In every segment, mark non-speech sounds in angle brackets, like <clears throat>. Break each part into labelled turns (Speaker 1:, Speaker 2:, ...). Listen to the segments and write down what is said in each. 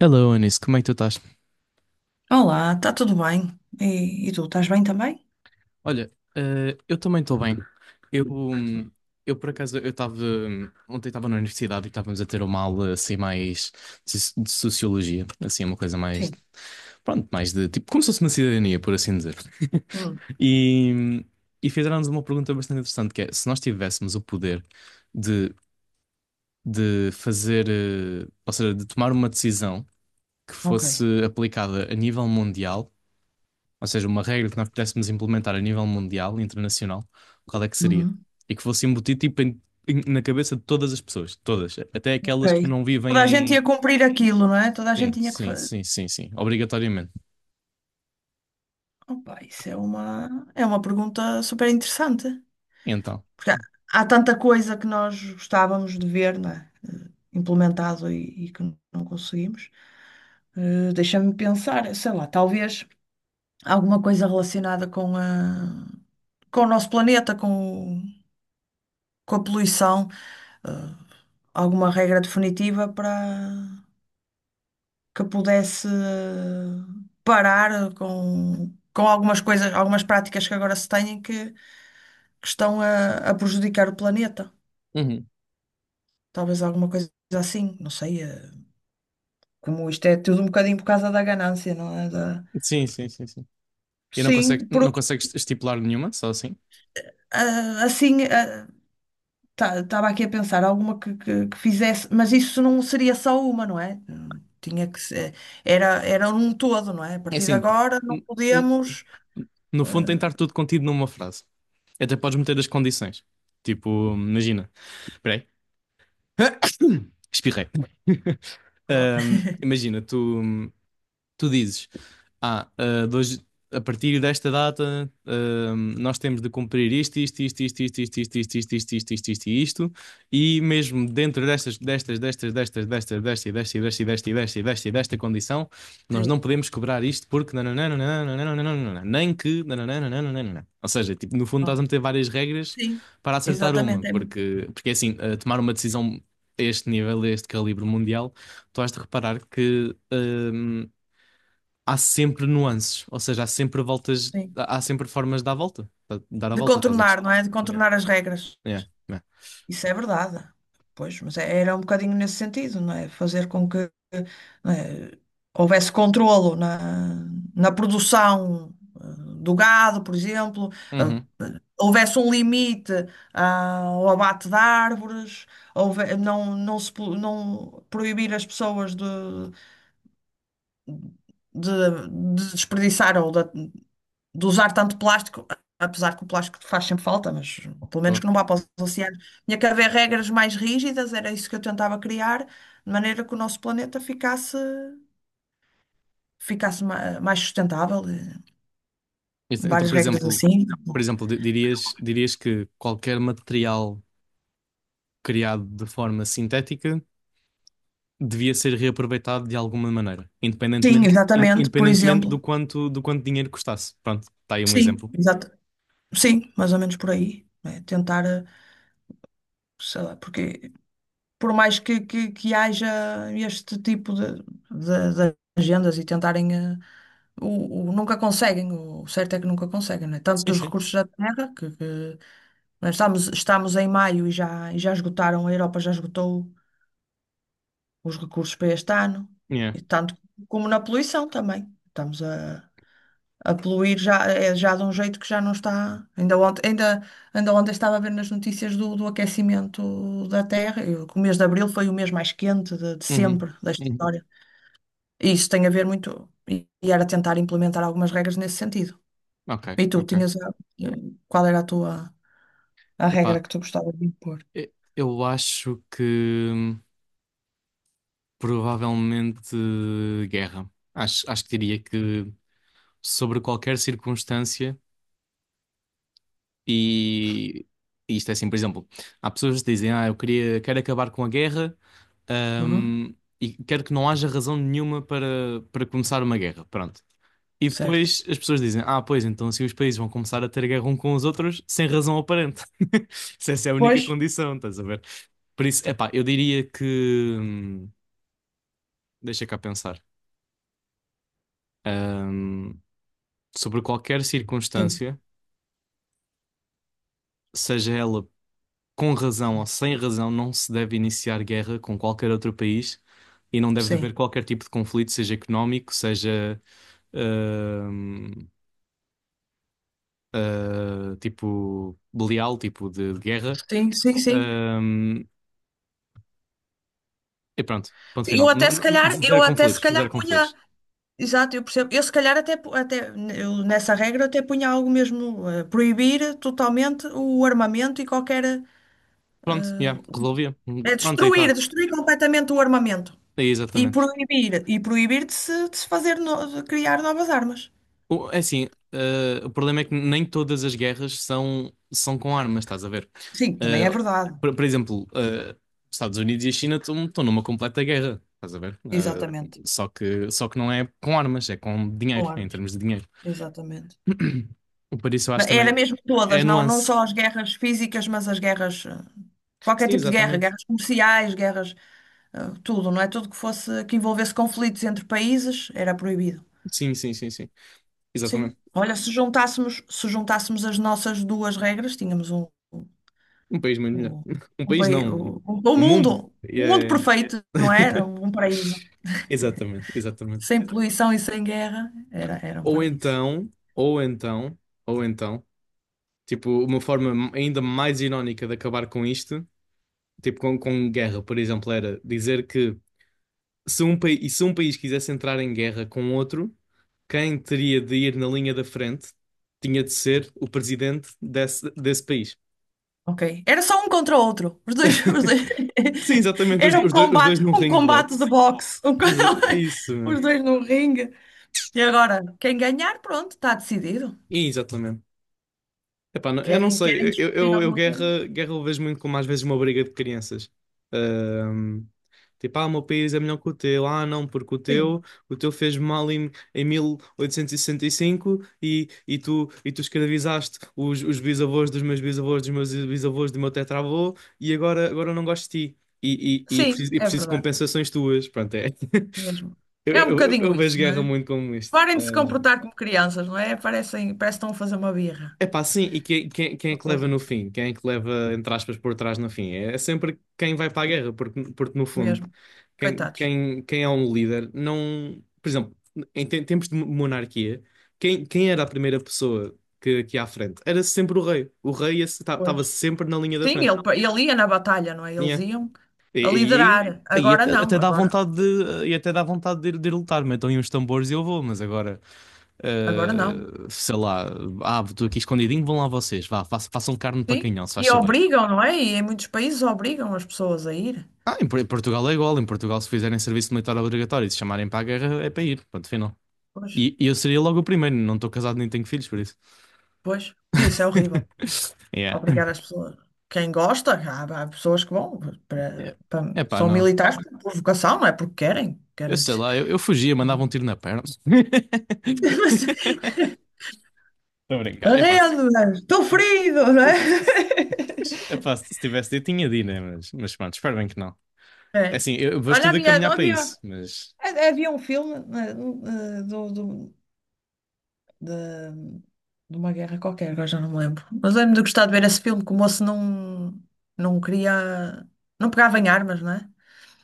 Speaker 1: Hello, Anis, como é que tu estás?
Speaker 2: Olá, está tudo bem? E tu, estás bem também?
Speaker 1: Olha, eu também estou bem. Eu, hum, eu por acaso, ontem estava na universidade e estávamos a ter uma aula assim mais de sociologia, assim uma coisa mais,
Speaker 2: Sim.
Speaker 1: pronto, mais de tipo, como se fosse uma cidadania, por assim dizer.
Speaker 2: Hum.
Speaker 1: <laughs> E, e fizeram-nos uma pergunta bastante interessante, que é, se nós tivéssemos o poder de, de fazer, ou seja, de tomar uma decisão que
Speaker 2: Ok.
Speaker 1: fosse aplicada a nível mundial. Ou seja, uma regra que nós pudéssemos implementar a nível mundial, internacional, qual é que seria?
Speaker 2: Uhum.
Speaker 1: E que fosse embutido tipo, na cabeça de todas as pessoas, todas, até aquelas
Speaker 2: Ok.
Speaker 1: que não vivem
Speaker 2: Toda a gente ia
Speaker 1: em.
Speaker 2: cumprir aquilo, não é? Toda a gente
Speaker 1: Sim,
Speaker 2: tinha que
Speaker 1: sim,
Speaker 2: fazer.
Speaker 1: sim, sim, sim, obrigatoriamente.
Speaker 2: Opa, isso é uma pergunta super interessante.
Speaker 1: E então.
Speaker 2: Porque há tanta coisa que nós gostávamos de ver, não é? Implementado e que não conseguimos. Deixa-me pensar, sei lá, talvez alguma coisa relacionada com o nosso planeta, com a poluição, alguma regra definitiva para que pudesse parar com algumas coisas, algumas práticas que agora se têm que estão a prejudicar o planeta.
Speaker 1: Uhum.
Speaker 2: Talvez alguma coisa assim, não sei. Como isto é tudo um bocadinho por causa da ganância, não é? Da.
Speaker 1: Sim, sim, sim, sim. E não consegues,
Speaker 2: Sim, por-
Speaker 1: não consegues estipular nenhuma, só assim.
Speaker 2: assim, estava aqui a pensar alguma que fizesse, mas isso não seria só uma, não é? Tinha que ser, era um todo, não é? A
Speaker 1: É
Speaker 2: partir de
Speaker 1: assim,
Speaker 2: agora não
Speaker 1: n- n-
Speaker 2: podemos.
Speaker 1: no fundo tem de estar tudo contido numa frase. Até podes meter as condições. Tipo, imagina. Espera aí. <laughs> <coughs> Espirrei. Imagina, tu dizes, ah, ah, de hoje- a partir desta data, nós temos de cumprir isto, isto, isto, isto, isto, isto, isto, isto, isto, isto, isto, isto, isto, e isto, e mesmo dentro destas, destas, destas, destas, destas, desta, e desta, e desta, e desta, e desta, e desta, e desta condição, nós não
Speaker 2: Sim,
Speaker 1: podemos cobrar isto porque nananã, nananã, nananã, nananã, nem que nananã, nananã, nananã. Ou seja, tipo, no fundo estás a meter várias regras
Speaker 2: sim,
Speaker 1: para acertar uma,
Speaker 2: exatamente.
Speaker 1: porque é assim, tomar uma decisão a este nível, a este calibre mundial, tu has de reparar que há sempre nuances, ou seja, há sempre voltas,
Speaker 2: Sim.
Speaker 1: há sempre formas de dar a volta, dar a
Speaker 2: De
Speaker 1: volta, estás a
Speaker 2: contornar,
Speaker 1: perceber?
Speaker 2: não é? De
Speaker 1: Yeah.
Speaker 2: contornar as regras.
Speaker 1: É, é.
Speaker 2: Isso é verdade. Pois, mas era um bocadinho nesse sentido, não é? Fazer com que, não é, houvesse controlo na produção eh, do gado, por exemplo, eh,
Speaker 1: Uhum.
Speaker 2: houvesse um limite ao abate de árvores, não, não se po- não proibir as pessoas de, de, de, desperdiçar ou de usar tanto plástico, apesar que o plástico faz sempre falta, mas pelo menos
Speaker 1: Boa.
Speaker 2: que não vá para os oceanos. Tinha que haver regras mais rígidas, era isso que eu tentava criar, de maneira que o nosso planeta ficasse, mais sustentável,
Speaker 1: Isso, então,
Speaker 2: várias
Speaker 1: por
Speaker 2: regras
Speaker 1: exemplo,
Speaker 2: assim.
Speaker 1: por exemplo, dirias que qualquer material criado de forma sintética devia ser reaproveitado de alguma maneira,
Speaker 2: Sim,
Speaker 1: independentemente, in-
Speaker 2: exatamente, por
Speaker 1: independentemente do
Speaker 2: exemplo.
Speaker 1: quanto, do quanto dinheiro custasse. Pronto, está aí um
Speaker 2: Sim,
Speaker 1: exemplo.
Speaker 2: exato. Sim, mais ou menos por aí, né? Tentar, sei lá, porque por mais que, que haja este tipo de, de agendas e tentarem, nunca conseguem, o certo é que nunca conseguem, não é? Tanto
Speaker 1: Sim,
Speaker 2: dos
Speaker 1: sim.
Speaker 2: recursos da terra, que, nós estamos em maio e já esgotaram, a Europa já esgotou os recursos para este ano,
Speaker 1: Yeah.
Speaker 2: e tanto como na poluição também. Estamos a poluir já, é já de um jeito que já não está. Ainda ontem estava a ver nas notícias do aquecimento da Terra, e o mês de Abril foi o mês mais quente de
Speaker 1: Uhum.
Speaker 2: sempre da
Speaker 1: Uhum.
Speaker 2: história. E isso tem a ver muito, e era tentar implementar algumas regras nesse sentido.
Speaker 1: Ok,
Speaker 2: E tu,
Speaker 1: ok.
Speaker 2: eh, qual era a regra
Speaker 1: Epá,
Speaker 2: que tu gostavas de impor?
Speaker 1: eu acho que. hum, Provavelmente guerra. Acho que diria que sobre qualquer circunstância, e, e isto é assim, por exemplo, há pessoas que dizem, eu quero acabar com a guerra,
Speaker 2: Uhum,
Speaker 1: ahm, e quero que não haja razão nenhuma para começar uma guerra. Pronto. E
Speaker 2: certo.
Speaker 1: depois as pessoas dizem, pois, então assim os países vão começar a ter guerra um com os outros sem razão aparente. <laughs> Se essa é a única
Speaker 2: Pois.
Speaker 1: condição, estás a ver? Por isso, epá, eu diria que. hum, Deixa cá pensar. hum, Sobre qualquer
Speaker 2: Sim,
Speaker 1: circunstância, seja ela com razão ou sem razão, não se deve iniciar guerra com qualquer outro país e não deve
Speaker 2: sim.
Speaker 1: haver qualquer tipo de conflito, seja económico, seja ahm, tipo belial, tipo de guerra.
Speaker 2: Sim, sim, sim.
Speaker 1: Ahm, e pronto, ponto
Speaker 2: Eu
Speaker 1: final.
Speaker 2: até se calhar, eu
Speaker 1: Zero
Speaker 2: até se
Speaker 1: conflitos,
Speaker 2: calhar
Speaker 1: zero
Speaker 2: punha.
Speaker 1: conflitos.
Speaker 2: Exato, eu percebo. Eu se calhar até, até eu, nessa regra eu até punha algo mesmo, proibir totalmente o armamento e qualquer, eh,
Speaker 1: Pronto, yeah, resolvia.
Speaker 2: é
Speaker 1: Pronto, aí
Speaker 2: destruir,
Speaker 1: está.
Speaker 2: destruir completamente o armamento
Speaker 1: Aí
Speaker 2: e
Speaker 1: exatamente.
Speaker 2: proibir, e proibir de se fazer, de criar novas armas.
Speaker 1: É assim, o problema é que nem todas as guerras são com armas, estás a ver?
Speaker 2: Sim,
Speaker 1: Eh,
Speaker 2: também é verdade.
Speaker 1: por exemplo, os Estados Unidos e a China estão numa completa guerra, estás a ver?
Speaker 2: Exatamente.
Speaker 1: Só que não é com armas, é com
Speaker 2: Com
Speaker 1: dinheiro, é em
Speaker 2: armas.
Speaker 1: termos de dinheiro.
Speaker 2: Exatamente.
Speaker 1: <clears throat> Por isso eu acho
Speaker 2: Era
Speaker 1: também
Speaker 2: mesmo
Speaker 1: é
Speaker 2: todas,
Speaker 1: a
Speaker 2: não
Speaker 1: nuance.
Speaker 2: só as guerras físicas, mas as guerras, qualquer
Speaker 1: Sim,
Speaker 2: tipo de guerra,
Speaker 1: exatamente.
Speaker 2: guerras comerciais, guerras, tudo, não é? Tudo que fosse, que envolvesse conflitos entre países era proibido.
Speaker 1: Sim, sim, sim, sim.
Speaker 2: Sim.
Speaker 1: Exatamente.
Speaker 2: Olha, se juntássemos as nossas duas regras, tínhamos um,
Speaker 1: Um país muito melhor.
Speaker 2: um,
Speaker 1: <laughs> Um
Speaker 2: um,
Speaker 1: país
Speaker 2: pai-
Speaker 1: não,
Speaker 2: um- um
Speaker 1: um mundo.
Speaker 2: mundo, um mundo
Speaker 1: É,
Speaker 2: perfeito, não é? Era? Um paraíso.
Speaker 1: exatamente, exatamente.
Speaker 2: Sem poluição e sem guerra, era um
Speaker 1: Ou
Speaker 2: paraíso.
Speaker 1: então, ou então, ou então. Tipo, uma forma ainda mais irónica de acabar com isto, tipo com guerra, por exemplo, era dizer que se um país quisesse entrar em guerra com outro, quem teria de ir na linha da frente tinha de ser o presidente desse país.
Speaker 2: Ok. Era só um contra o outro. Os dois-
Speaker 1: <laughs> Sim,
Speaker 2: <laughs>
Speaker 1: exatamente, os,
Speaker 2: Era um
Speaker 1: os dois, os dois
Speaker 2: combate,
Speaker 1: num
Speaker 2: um
Speaker 1: ringue de
Speaker 2: combate de
Speaker 1: boxe.
Speaker 2: boxe. Um co-
Speaker 1: Isso, isso,
Speaker 2: <laughs>
Speaker 1: mano.
Speaker 2: Os dois num ringue. E agora, quem ganhar, pronto, está decidido.
Speaker 1: Exatamente. Epá, eu não
Speaker 2: Querem
Speaker 1: sei, eu,
Speaker 2: discutir
Speaker 1: eu, eu
Speaker 2: alguma coisa?
Speaker 1: guerra eu vejo muito como às vezes uma briga de crianças. Ahm, tipo, o meu país é melhor que o teu, não, porque o
Speaker 2: Sim.
Speaker 1: teu, o teu fez mal em, 1865 e, sessenta e cinco e tu escravizaste os bisavós dos meus bisavós, dos meus bisavós, do meu tetravô e agora eu não gosto de ti e, e, e,
Speaker 2: Sim,
Speaker 1: preciso, e
Speaker 2: é
Speaker 1: preciso de
Speaker 2: verdade.
Speaker 1: compensações tuas. Pronto, é. <laughs>
Speaker 2: Mesmo.
Speaker 1: Eu,
Speaker 2: É um
Speaker 1: eu, eu
Speaker 2: bocadinho
Speaker 1: eu vejo
Speaker 2: isso, não
Speaker 1: guerra
Speaker 2: é?
Speaker 1: muito como isto.
Speaker 2: Parem de se comportar como crianças, não é? Parece que estão a fazer uma birra
Speaker 1: Epá, sim, e quem é que
Speaker 2: para os
Speaker 1: leva no
Speaker 2: outros.
Speaker 1: fim? Quem é que leva, entre aspas, por trás no fim? É é sempre quem vai para a guerra, porque no fundo,
Speaker 2: Mesmo.
Speaker 1: quem,
Speaker 2: Coitados.
Speaker 1: quem, quem é um líder não. Por exemplo, em tempos de monarquia, quem era a primeira pessoa que ia à frente? Era sempre o rei. O rei estava
Speaker 2: Pois.
Speaker 1: sempre na linha da
Speaker 2: Sim,
Speaker 1: frente.
Speaker 2: ele ia na batalha, não é? Eles
Speaker 1: Yeah.
Speaker 2: iam
Speaker 1: E,
Speaker 2: a
Speaker 1: e aí,
Speaker 2: liderar.
Speaker 1: aí
Speaker 2: Agora
Speaker 1: até,
Speaker 2: não,
Speaker 1: até dá
Speaker 2: agora,
Speaker 1: vontade de ir lutar. Metam aí uns tambores e eu vou, mas agora.
Speaker 2: agora não.
Speaker 1: Sei lá, estou aqui escondidinho, vão lá vocês, vá, façam carne para
Speaker 2: Sim.
Speaker 1: canhão, se faz
Speaker 2: E
Speaker 1: favor.
Speaker 2: obrigam, não é? E em muitos países obrigam as pessoas a ir.
Speaker 1: Em Portugal é igual, em Portugal se fizerem serviço militar obrigatório e se chamarem para a guerra é para ir, ponto final.
Speaker 2: Pois,
Speaker 1: E eu seria logo o primeiro, não estou casado nem tenho filhos, por isso.
Speaker 2: pois. Isso é horrível.
Speaker 1: <laughs> Yeah.
Speaker 2: Obrigar as pessoas. Quem gosta, há, pessoas que vão,
Speaker 1: É É pá,
Speaker 2: são
Speaker 1: não.
Speaker 2: militares por vocação, não é? Porque querem.
Speaker 1: Eu
Speaker 2: Querem.
Speaker 1: sei lá, eu fugia, mandava um tiro na perna. <laughs>
Speaker 2: <laughs>
Speaker 1: Estou a brincar,
Speaker 2: Mas,
Speaker 1: é pá.
Speaker 2: arrendo, não é? Estou ferido, não é?
Speaker 1: Se,
Speaker 2: <laughs>
Speaker 1: É pá, se tivesse, eu tinha de ir, né? Mas pronto, espero bem que não. É
Speaker 2: É.
Speaker 1: assim, eu vou
Speaker 2: Olha,
Speaker 1: tudo a
Speaker 2: havia,
Speaker 1: caminhar para
Speaker 2: havia,
Speaker 1: isso, mas.
Speaker 2: havia um filme eh, eh, do, do- de, de uma guerra qualquer, agora já não me lembro. Mas lembro de gostar de ver esse filme, que o moço não, não queria, não pegava em armas, não é?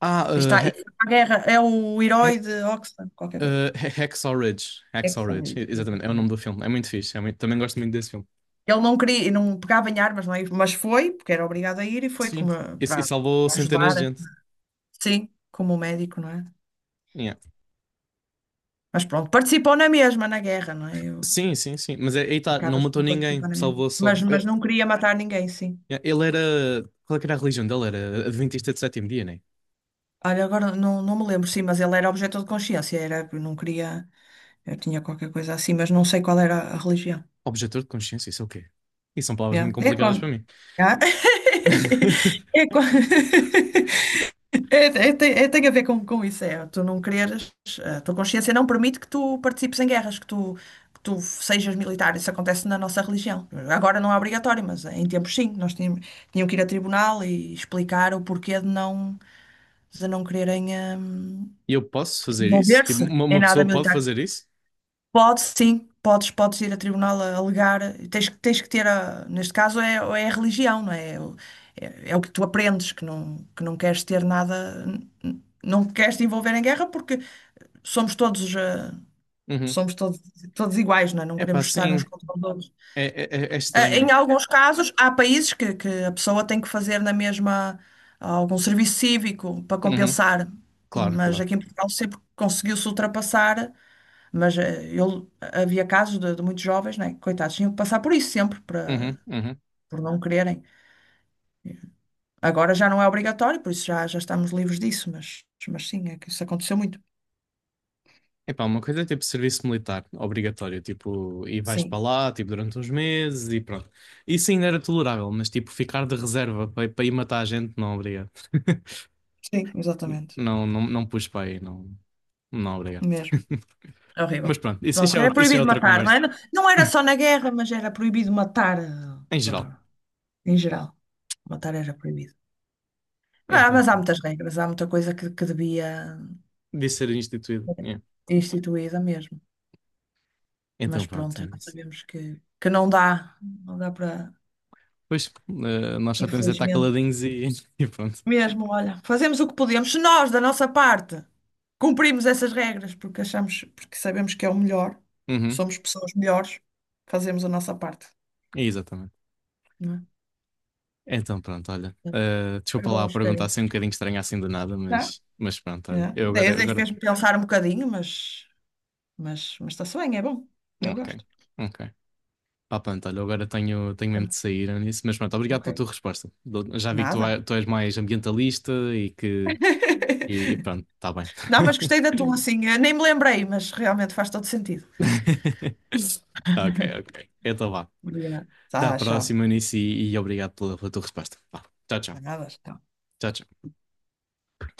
Speaker 1: Ah,
Speaker 2: E
Speaker 1: uh,
Speaker 2: Está,
Speaker 1: He-
Speaker 2: e a guerra é o
Speaker 1: He-
Speaker 2: herói de Oxford, qualquer coisa.
Speaker 1: Hacksaw Ridge. Hacksaw
Speaker 2: Exxon,
Speaker 1: Ridge, e- exatamente, é o nome do
Speaker 2: exatamente.
Speaker 1: filme. É muito fixe, também gosto muito desse filme.
Speaker 2: Ele não queria, não pegava em armas, não é? Mas foi, porque era obrigado a ir, e foi
Speaker 1: Sim,
Speaker 2: como,
Speaker 1: e
Speaker 2: para,
Speaker 1: salvou
Speaker 2: para
Speaker 1: centenas de
Speaker 2: ajudar,
Speaker 1: gente.
Speaker 2: sim, como médico, não é?
Speaker 1: Yeah.
Speaker 2: Mas pronto, participou na mesma, na guerra, não é? Eu,
Speaker 1: Sim, sim, sim. Mas é, aí tá, não
Speaker 2: acabas
Speaker 1: matou
Speaker 2: por
Speaker 1: ninguém,
Speaker 2: participar na mesma.
Speaker 1: salvou só.
Speaker 2: Mas não queria matar ninguém, sim.
Speaker 1: Yeah, ele era. Qual é que era a religião dele? Era Adventista de sétimo dia, né?
Speaker 2: Olha, agora não, não me lembro, sim, mas ele era objeto de consciência, era, eu não queria, eu tinha qualquer coisa assim, mas não sei qual era a religião.
Speaker 1: Objetor de consciência, isso é o quê? Isso são palavras muito
Speaker 2: Yeah. É
Speaker 1: complicadas para
Speaker 2: quando.
Speaker 1: mim.
Speaker 2: Ah. <laughs>
Speaker 1: <laughs>
Speaker 2: É quando. <laughs> É, tem a ver com, isso, tu não quereres, a tua consciência não permite que tu participes em guerras, que tu sejas militar, isso acontece na nossa religião. Agora não é obrigatório, mas em tempos sim, nós tínhamos, tinham que ir a tribunal e explicar o porquê de não quererem hum,
Speaker 1: E eu posso fazer isso? Tipo,
Speaker 2: envolver-se em
Speaker 1: uma
Speaker 2: nada
Speaker 1: pessoa pode
Speaker 2: militar.
Speaker 1: fazer isso?
Speaker 2: Pode, sim, podes, ir a tribunal a alegar, tens, tens que ter, neste caso, é, a religião, não é? É o que tu aprendes, que não queres ter nada, não queres te envolver em guerra porque somos todos, eh,
Speaker 1: Uhum.
Speaker 2: somos todos, todos iguais, não é? Não
Speaker 1: É pá,
Speaker 2: queremos estar uns
Speaker 1: sim.
Speaker 2: contra os outros.
Speaker 1: É, é, é
Speaker 2: Em
Speaker 1: estranho.
Speaker 2: alguns casos, há países que, a pessoa tem que fazer na mesma algum serviço cívico para
Speaker 1: Uhum.
Speaker 2: compensar,
Speaker 1: Claro,
Speaker 2: mas
Speaker 1: claro.
Speaker 2: aqui em Portugal sempre conseguiu-se ultrapassar. Mas ele, havia casos de, muitos jovens, né? Coitados, tinham que passar por isso sempre,
Speaker 1: Uhum. Uhum.
Speaker 2: por não quererem. Agora já não é obrigatório, por isso já, estamos livres disso, mas sim, é que isso aconteceu muito.
Speaker 1: Epá, uma coisa é tipo serviço militar, obrigatório, tipo, e vais para
Speaker 2: Sim,
Speaker 1: lá, tipo, durante uns meses e pronto. Isso ainda era tolerável, mas tipo, ficar de reserva para ir matar a gente, não, obrigado.
Speaker 2: sim, exatamente.
Speaker 1: Não, não, não pus para aí, não, não, obrigado.
Speaker 2: Mesmo.
Speaker 1: <laughs>
Speaker 2: É horrível.
Speaker 1: Mas pronto,
Speaker 2: Pronto, era
Speaker 1: isso é
Speaker 2: proibido
Speaker 1: outra
Speaker 2: matar, não é?
Speaker 1: conversa,
Speaker 2: Não era só na guerra, mas era proibido matar
Speaker 1: em geral.
Speaker 2: em geral. Matar era proibido.
Speaker 1: Então,
Speaker 2: Mas há
Speaker 1: pronto.
Speaker 2: muitas regras, há muita coisa que, devia
Speaker 1: Disse ser instituído, yeah.
Speaker 2: instituída mesmo.
Speaker 1: Então
Speaker 2: Mas
Speaker 1: pronto, é
Speaker 2: pronto, já
Speaker 1: isso.
Speaker 2: sabemos que não dá, para.
Speaker 1: Pois, nós só temos de estar
Speaker 2: Infelizmente.
Speaker 1: caladinhos e, <laughs> e pronto.
Speaker 2: Mesmo, olha, fazemos o que podemos. Se nós, da nossa parte, cumprimos essas regras porque achamos, porque sabemos que é o melhor,
Speaker 1: Uhum,
Speaker 2: somos pessoas melhores, fazemos a nossa parte,
Speaker 1: exatamente.
Speaker 2: não é?
Speaker 1: Então pronto, olha.
Speaker 2: Foi
Speaker 1: Desculpa
Speaker 2: bom,
Speaker 1: lá
Speaker 2: espero.
Speaker 1: perguntar assim um bocadinho estranho assim do nada,
Speaker 2: Não?
Speaker 1: mas pronto, olha.
Speaker 2: É.
Speaker 1: Eu
Speaker 2: Daí
Speaker 1: agora, agora.
Speaker 2: fez-me pensar um bocadinho, mas, mas está-se bem, é bom. Eu
Speaker 1: Ok,
Speaker 2: gosto.
Speaker 1: ok. Ah, pronto, olha, eu agora tenho mesmo
Speaker 2: Ah,
Speaker 1: de sair nisso, mas pronto, obrigado
Speaker 2: Ok.
Speaker 1: pela tua resposta. Já vi que
Speaker 2: Nada.
Speaker 1: tu és mais ambientalista e que. E
Speaker 2: <laughs>
Speaker 1: pronto, está bem.
Speaker 2: Não, mas gostei da tua, assim, nem me lembrei, mas realmente faz todo sentido.
Speaker 1: <laughs> Ok, ok. Então vá.
Speaker 2: Obrigada.
Speaker 1: Até à
Speaker 2: Tá, tchau.
Speaker 1: próxima nisso e obrigado pela tua resposta. Vá. Tchau, tchau.
Speaker 2: Nada, tchau.
Speaker 1: Tchau, tchau.